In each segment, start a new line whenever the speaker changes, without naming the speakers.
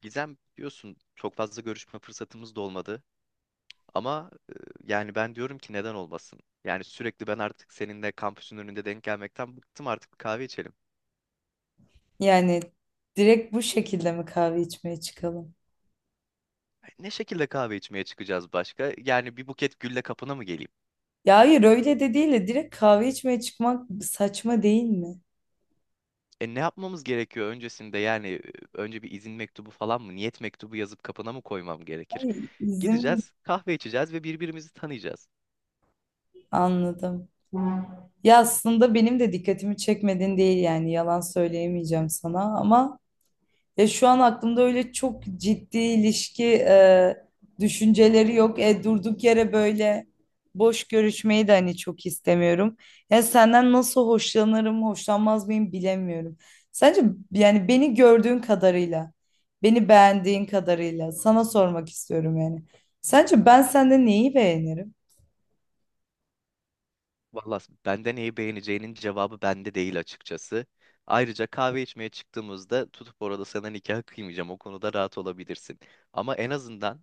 Gizem biliyorsun çok fazla görüşme fırsatımız da olmadı ama yani ben diyorum ki neden olmasın? Yani sürekli ben artık seninle kampüsün önünde denk gelmekten bıktım artık bir kahve içelim.
Yani direkt bu şekilde mi kahve içmeye çıkalım?
Ne şekilde kahve içmeye çıkacağız başka? Yani bir buket gülle kapına mı geleyim?
Ya hayır öyle de değil de direkt kahve içmeye çıkmak saçma değil mi?
E ne yapmamız gerekiyor öncesinde yani önce bir izin mektubu falan mı niyet mektubu yazıp kapına mı koymam gerekir?
Hayır, izin
Gideceğiz, kahve içeceğiz ve birbirimizi tanıyacağız.
anladım. Ya aslında benim de dikkatimi çekmedin değil yani yalan söyleyemeyeceğim sana ama ya şu an aklımda öyle çok ciddi ilişki düşünceleri yok. Durduk yere böyle boş görüşmeyi de hani çok istemiyorum. Ya senden nasıl hoşlanırım, hoşlanmaz mıyım bilemiyorum. Sence yani beni gördüğün kadarıyla, beni beğendiğin kadarıyla sana sormak istiyorum yani. Sence ben sende neyi beğenirim?
Vallahi bende neyi beğeneceğinin cevabı bende değil açıkçası. Ayrıca kahve içmeye çıktığımızda tutup orada sana nikah kıymayacağım. O konuda rahat olabilirsin. Ama en azından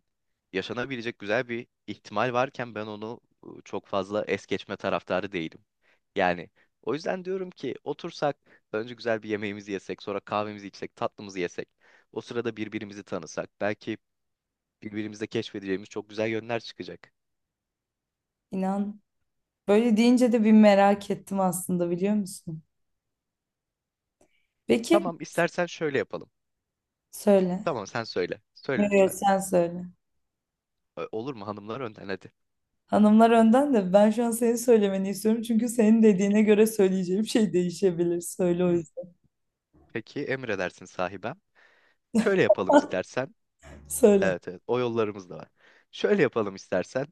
yaşanabilecek güzel bir ihtimal varken ben onu çok fazla es geçme taraftarı değilim. Yani o yüzden diyorum ki otursak önce güzel bir yemeğimizi yesek, sonra kahvemizi içsek, tatlımızı yesek. O sırada birbirimizi tanısak. Belki birbirimizde keşfedeceğimiz çok güzel yönler çıkacak.
İnan böyle deyince de bir merak ettim aslında biliyor musun? Peki
Tamam, istersen şöyle yapalım.
söyle.
Tamam, sen söyle. Söyle
Yok, yok,
lütfen.
sen söyle.
Olur mu hanımlar önden hadi.
Hanımlar önden de ben şu an senin söylemeni istiyorum. Çünkü senin dediğine göre söyleyeceğim şey değişebilir. Söyle o
Hmm.
yüzden.
Peki emredersin sahibem. Şöyle yapalım istersen.
Söyle.
Evet, evet o yollarımız da var. Şöyle yapalım istersen.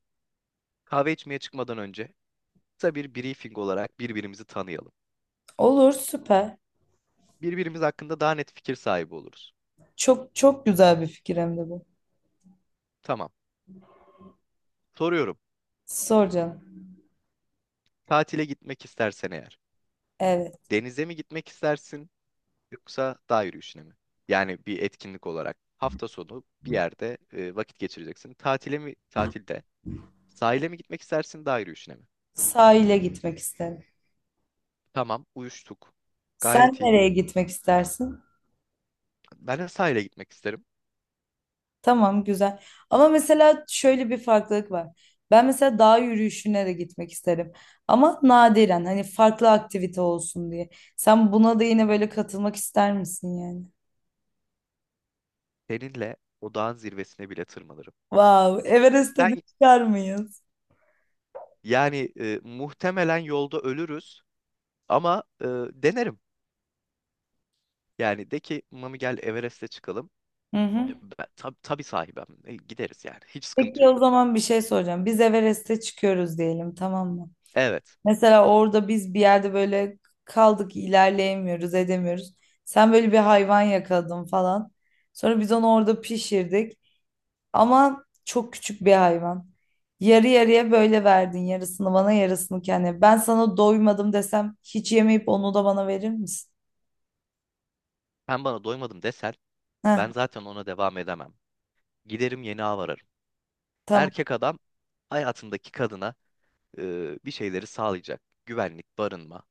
Kahve içmeye çıkmadan önce kısa bir briefing olarak birbirimizi tanıyalım.
Olur, süper.
Birbirimiz hakkında daha net fikir sahibi oluruz.
Çok çok güzel bir fikir hem de bu.
Tamam. Soruyorum.
Sor canım.
Tatile gitmek istersen eğer.
Evet.
Denize mi gitmek istersin yoksa dağ yürüyüşüne mi? Yani bir etkinlik olarak hafta sonu bir yerde vakit geçireceksin. Tatile mi tatilde sahile mi gitmek istersin dağ yürüyüşüne mi?
Sahile gitmek isterim.
Tamam, uyuştuk.
Sen
Gayet iyi.
nereye gitmek istersin?
Ben de sahile gitmek isterim.
Tamam, güzel. Ama mesela şöyle bir farklılık var. Ben mesela dağ yürüyüşüne de gitmek isterim. Ama nadiren, hani farklı aktivite olsun diye. Sen buna da yine böyle katılmak ister misin yani?
Seninle o dağın zirvesine bile tırmanırım.
Wow, Everest'e de
Sen
çıkar mıyız?
yani muhtemelen yolda ölürüz ama denerim. Yani de ki Mami gel Everest'e çıkalım.
Hı hı.
Ben, tabii sahibim. Gideriz yani. Hiç sıkıntı
Peki o
yok.
zaman bir şey soracağım. Biz Everest'e çıkıyoruz diyelim, tamam mı?
Evet.
Mesela orada biz bir yerde böyle kaldık, ilerleyemiyoruz, edemiyoruz. Sen böyle bir hayvan yakaladın falan. Sonra biz onu orada pişirdik. Ama çok küçük bir hayvan. Yarı yarıya böyle verdin. Yarısını bana, yarısını kendine. Ben sana doymadım desem hiç yemeyip onu da bana verir misin?
Sen bana doymadım desen
Heh,
ben zaten ona devam edemem. Giderim yeni av ararım.
tamam.
Erkek adam hayatındaki kadına bir şeyleri sağlayacak. Güvenlik, barınma.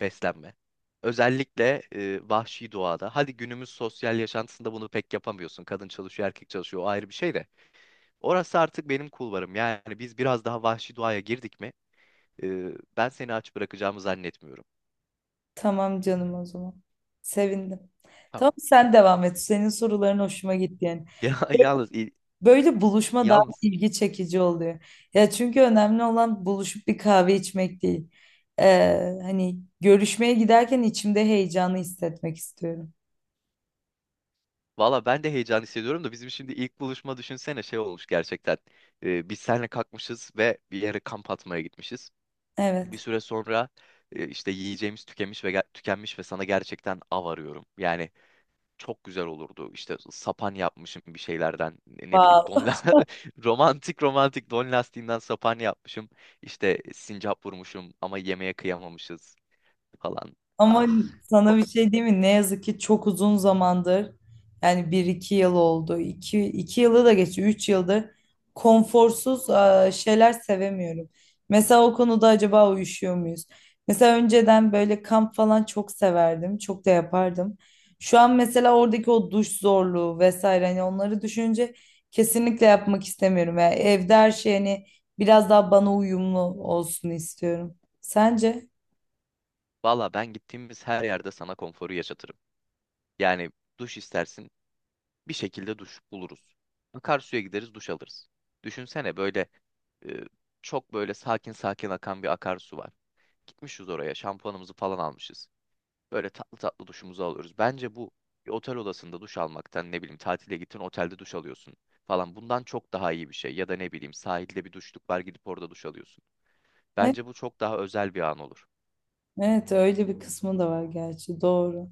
Beslenme. Özellikle vahşi doğada. Hadi günümüz sosyal yaşantısında bunu pek yapamıyorsun. Kadın çalışıyor, erkek çalışıyor. O ayrı bir şey de. Orası artık benim kulvarım. Yani biz biraz daha vahşi doğaya girdik mi? e, Ben seni aç bırakacağımı zannetmiyorum.
Tamam canım o zaman. Sevindim.
Tamam.
Tamam, sen devam et. Senin soruların hoşuma gitti yani.
Ya,
Böyle buluşma daha
yalnız
ilgi çekici oluyor. Ya çünkü önemli olan buluşup bir kahve içmek değil. Hani görüşmeye giderken içimde heyecanı hissetmek istiyorum.
valla ben de heyecan hissediyorum da bizim şimdi ilk buluşma düşünsene şey olmuş gerçekten. Biz seninle kalkmışız ve bir yere kamp atmaya gitmişiz. Bir
Evet.
süre sonra işte yiyeceğimiz tükenmiş ve sana gerçekten av arıyorum. Yani çok güzel olurdu. İşte sapan yapmışım bir şeylerden ne bileyim
Vav.
romantik romantik don lastiğinden sapan yapmışım. İşte sincap vurmuşum ama yemeğe kıyamamışız falan.
Ama
Ah.
sana
çok-
bir şey diyeyim mi? Ne yazık ki çok uzun zamandır yani bir iki yıl oldu. İki, 2 yılı da geçti. 3 yıldır konforsuz şeyler sevemiyorum. Mesela o konuda acaba uyuşuyor muyuz? Mesela önceden böyle kamp falan çok severdim. Çok da yapardım. Şu an mesela oradaki o duş zorluğu vesaire, hani onları düşünce kesinlikle yapmak istemiyorum. Yani evde her şey hani biraz daha bana uyumlu olsun istiyorum. Sence?
Valla ben gittiğimiz her yerde sana konforu yaşatırım. Yani duş istersin bir şekilde duş buluruz. Akarsuya gideriz duş alırız. Düşünsene böyle e, çok böyle sakin sakin akan bir akarsu var. Gitmişiz oraya şampuanımızı falan almışız. Böyle tatlı tatlı duşumuzu alıyoruz. Bence bu bir otel odasında duş almaktan ne bileyim tatile gittin otelde duş alıyorsun falan bundan çok daha iyi bir şey. Ya da ne bileyim sahilde bir duşluk var gidip orada duş alıyorsun. Bence bu çok daha özel bir an olur.
Evet, öyle bir kısmı da var gerçi, doğru.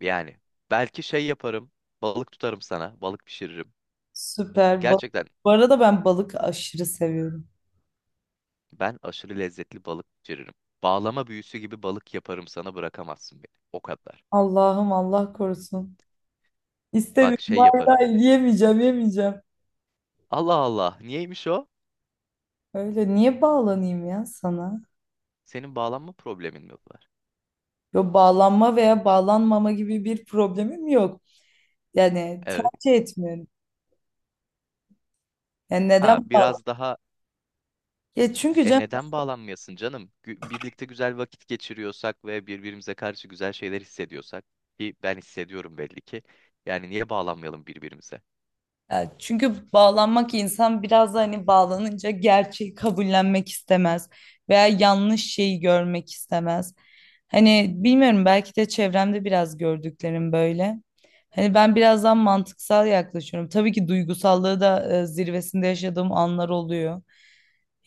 Yani belki şey yaparım balık tutarım sana balık pişiririm.
Süper.
Gerçekten
Bu arada ben balık aşırı seviyorum.
ben aşırı lezzetli balık pişiririm. Bağlama büyüsü gibi balık yaparım sana, bırakamazsın beni. O kadar.
Allah'ım, Allah korusun.
Bak
İstemiyorum.
şey
Hayır,
yaparım.
hayır, yemeyeceğim yemeyeceğim.
Allah Allah, niyeymiş o?
Öyle niye bağlanayım ya sana?
Senin bağlanma problemin mi var?
Yo, bağlanma veya bağlanmama gibi bir problemim yok. Yani
Evet.
tercih etmiyorum. Yani neden
Ha
bağlan?
biraz daha
Ya çünkü
E
canım,
neden bağlanmayasın canım? Birlikte güzel vakit geçiriyorsak ve birbirimize karşı güzel şeyler hissediyorsak ki ben hissediyorum belli ki. Yani niye bağlanmayalım birbirimize?
ya çünkü bağlanmak, insan biraz da hani bağlanınca gerçeği kabullenmek istemez veya yanlış şeyi görmek istemez. Hani bilmiyorum, belki de çevremde biraz gördüklerim böyle. Hani ben birazdan mantıksal yaklaşıyorum. Tabii ki duygusallığı da zirvesinde yaşadığım anlar oluyor.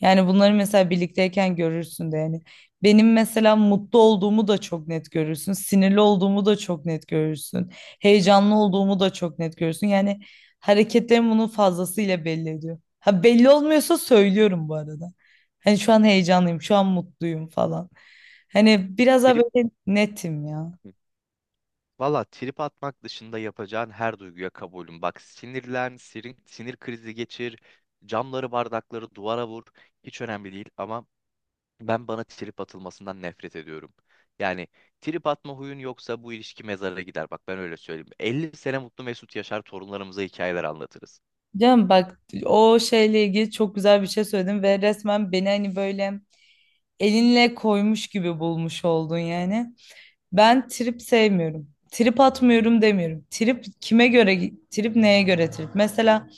Yani bunları mesela birlikteyken görürsün de yani. Benim mesela mutlu olduğumu da çok net görürsün. Sinirli olduğumu da çok net görürsün. Heyecanlı olduğumu da çok net görürsün. Yani hareketlerim bunun fazlasıyla belli ediyor. Ha, belli olmuyorsa söylüyorum bu arada. Hani şu an heyecanlıyım, şu an mutluyum falan. Hani biraz daha
Trip
böyle netim ya.
valla trip atmak dışında yapacağın her duyguya kabulüm. Bak sinirlen, sinir krizi geçir, camları, bardakları duvara vur. Hiç önemli değil ama ben bana trip atılmasından nefret ediyorum. Yani trip atma huyun yoksa bu ilişki mezara gider. Bak ben öyle söyleyeyim. 50 sene mutlu mesut yaşar torunlarımıza hikayeler anlatırız.
Canım bak, o şeyle ilgili çok güzel bir şey söyledin ve resmen beni hani böyle elinle koymuş gibi bulmuş oldun yani. Ben trip sevmiyorum. Trip atmıyorum demiyorum. Trip kime göre, trip neye göre trip? Mesela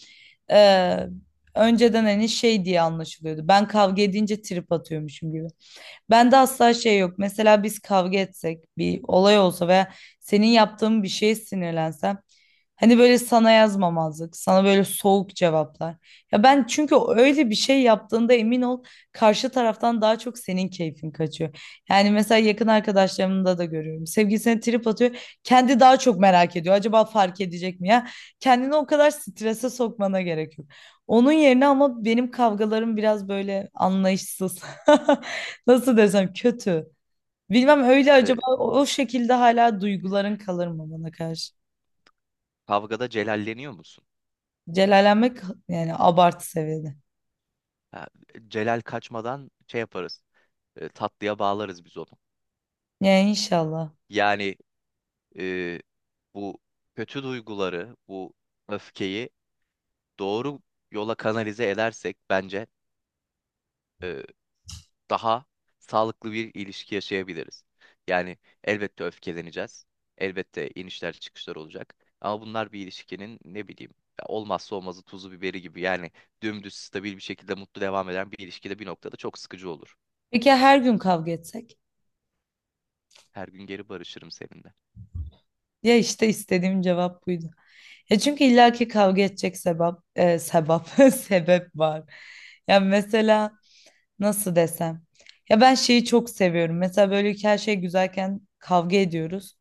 eee, önceden hani şey diye anlaşılıyordu. Ben kavga edince trip atıyormuşum gibi. Bende asla şey yok. Mesela biz kavga etsek, bir olay olsa veya senin yaptığın bir şeye sinirlensem, hani böyle sana yazmamazlık, sana böyle soğuk cevaplar. Ya ben çünkü öyle bir şey yaptığında emin ol, karşı taraftan daha çok senin keyfin kaçıyor. Yani mesela yakın arkadaşlarımda da görüyorum. Sevgilisine trip atıyor. Kendi daha çok merak ediyor. Acaba fark edecek mi ya? Kendini o kadar strese sokmana gerek yok. Onun yerine ama benim kavgalarım biraz böyle anlayışsız. Nasıl desem, kötü. Bilmem öyle
Ee,
acaba o şekilde hala duyguların kalır mı bana karşı?
Kavgada celalleniyor musun?
Celallenmek yani abartı seviyede.
Ha, celal kaçmadan şey yaparız. Tatlıya bağlarız biz onu.
Yani inşallah.
Yani e, bu kötü duyguları, bu öfkeyi doğru yola kanalize edersek bence e, daha sağlıklı bir ilişki yaşayabiliriz. Yani elbette öfkeleneceğiz. Elbette inişler çıkışlar olacak. Ama bunlar bir ilişkinin ne bileyim ya olmazsa olmazı tuzu biberi gibi. Yani dümdüz stabil bir şekilde mutlu devam eden bir ilişkide bir noktada çok sıkıcı olur.
Peki ya her gün kavga etsek?
Her gün geri barışırım seninle.
Ya işte istediğim cevap buydu. Ya çünkü illaki kavga edecek sebep, sebep var. Ya mesela nasıl desem? Ya ben şeyi çok seviyorum. Mesela böyle ki her şey güzelken kavga ediyoruz.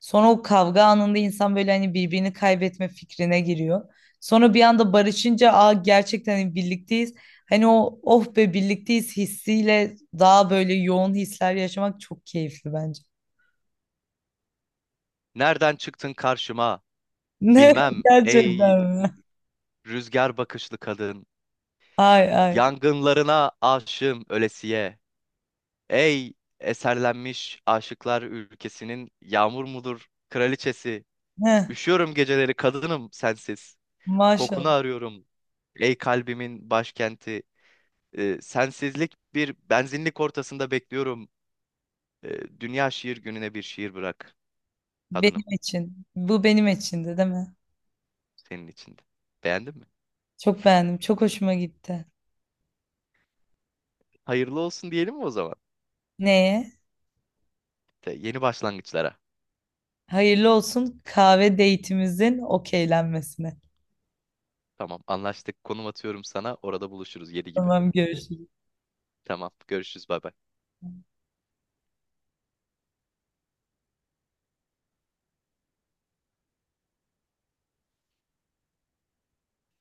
Sonra o kavga anında insan böyle hani birbirini kaybetme fikrine giriyor. Sonra bir anda barışınca, aa, gerçekten hani birlikteyiz. Hani o oh be birlikteyiz hissiyle daha böyle yoğun hisler yaşamak çok keyifli bence.
Nereden çıktın karşıma?
Ne,
Bilmem ey
gerçekten mi?
rüzgar bakışlı kadın.
Ay ay.
Yangınlarına aşığım ölesiye. Ey eserlenmiş aşıklar ülkesinin yağmur mudur kraliçesi.
Heh,
Üşüyorum geceleri kadınım sensiz. Kokunu
maşallah.
arıyorum. Ey kalbimin başkenti. Sensizlik bir benzinlik ortasında bekliyorum. Dünya Şiir Günü'ne bir şiir bırak kadınım
Benim için. Bu benim içindi değil mi?
senin içinde. Beğendin mi?
Çok beğendim. Çok hoşuma gitti.
Hayırlı olsun diyelim mi o zaman?
Neye?
Yeni başlangıçlara.
Hayırlı olsun kahve date'imizin okeylenmesine.
Tamam, anlaştık. Konum atıyorum sana. Orada buluşuruz 7 gibi.
Tamam, görüşürüz.
Tamam, görüşürüz. Bay bay.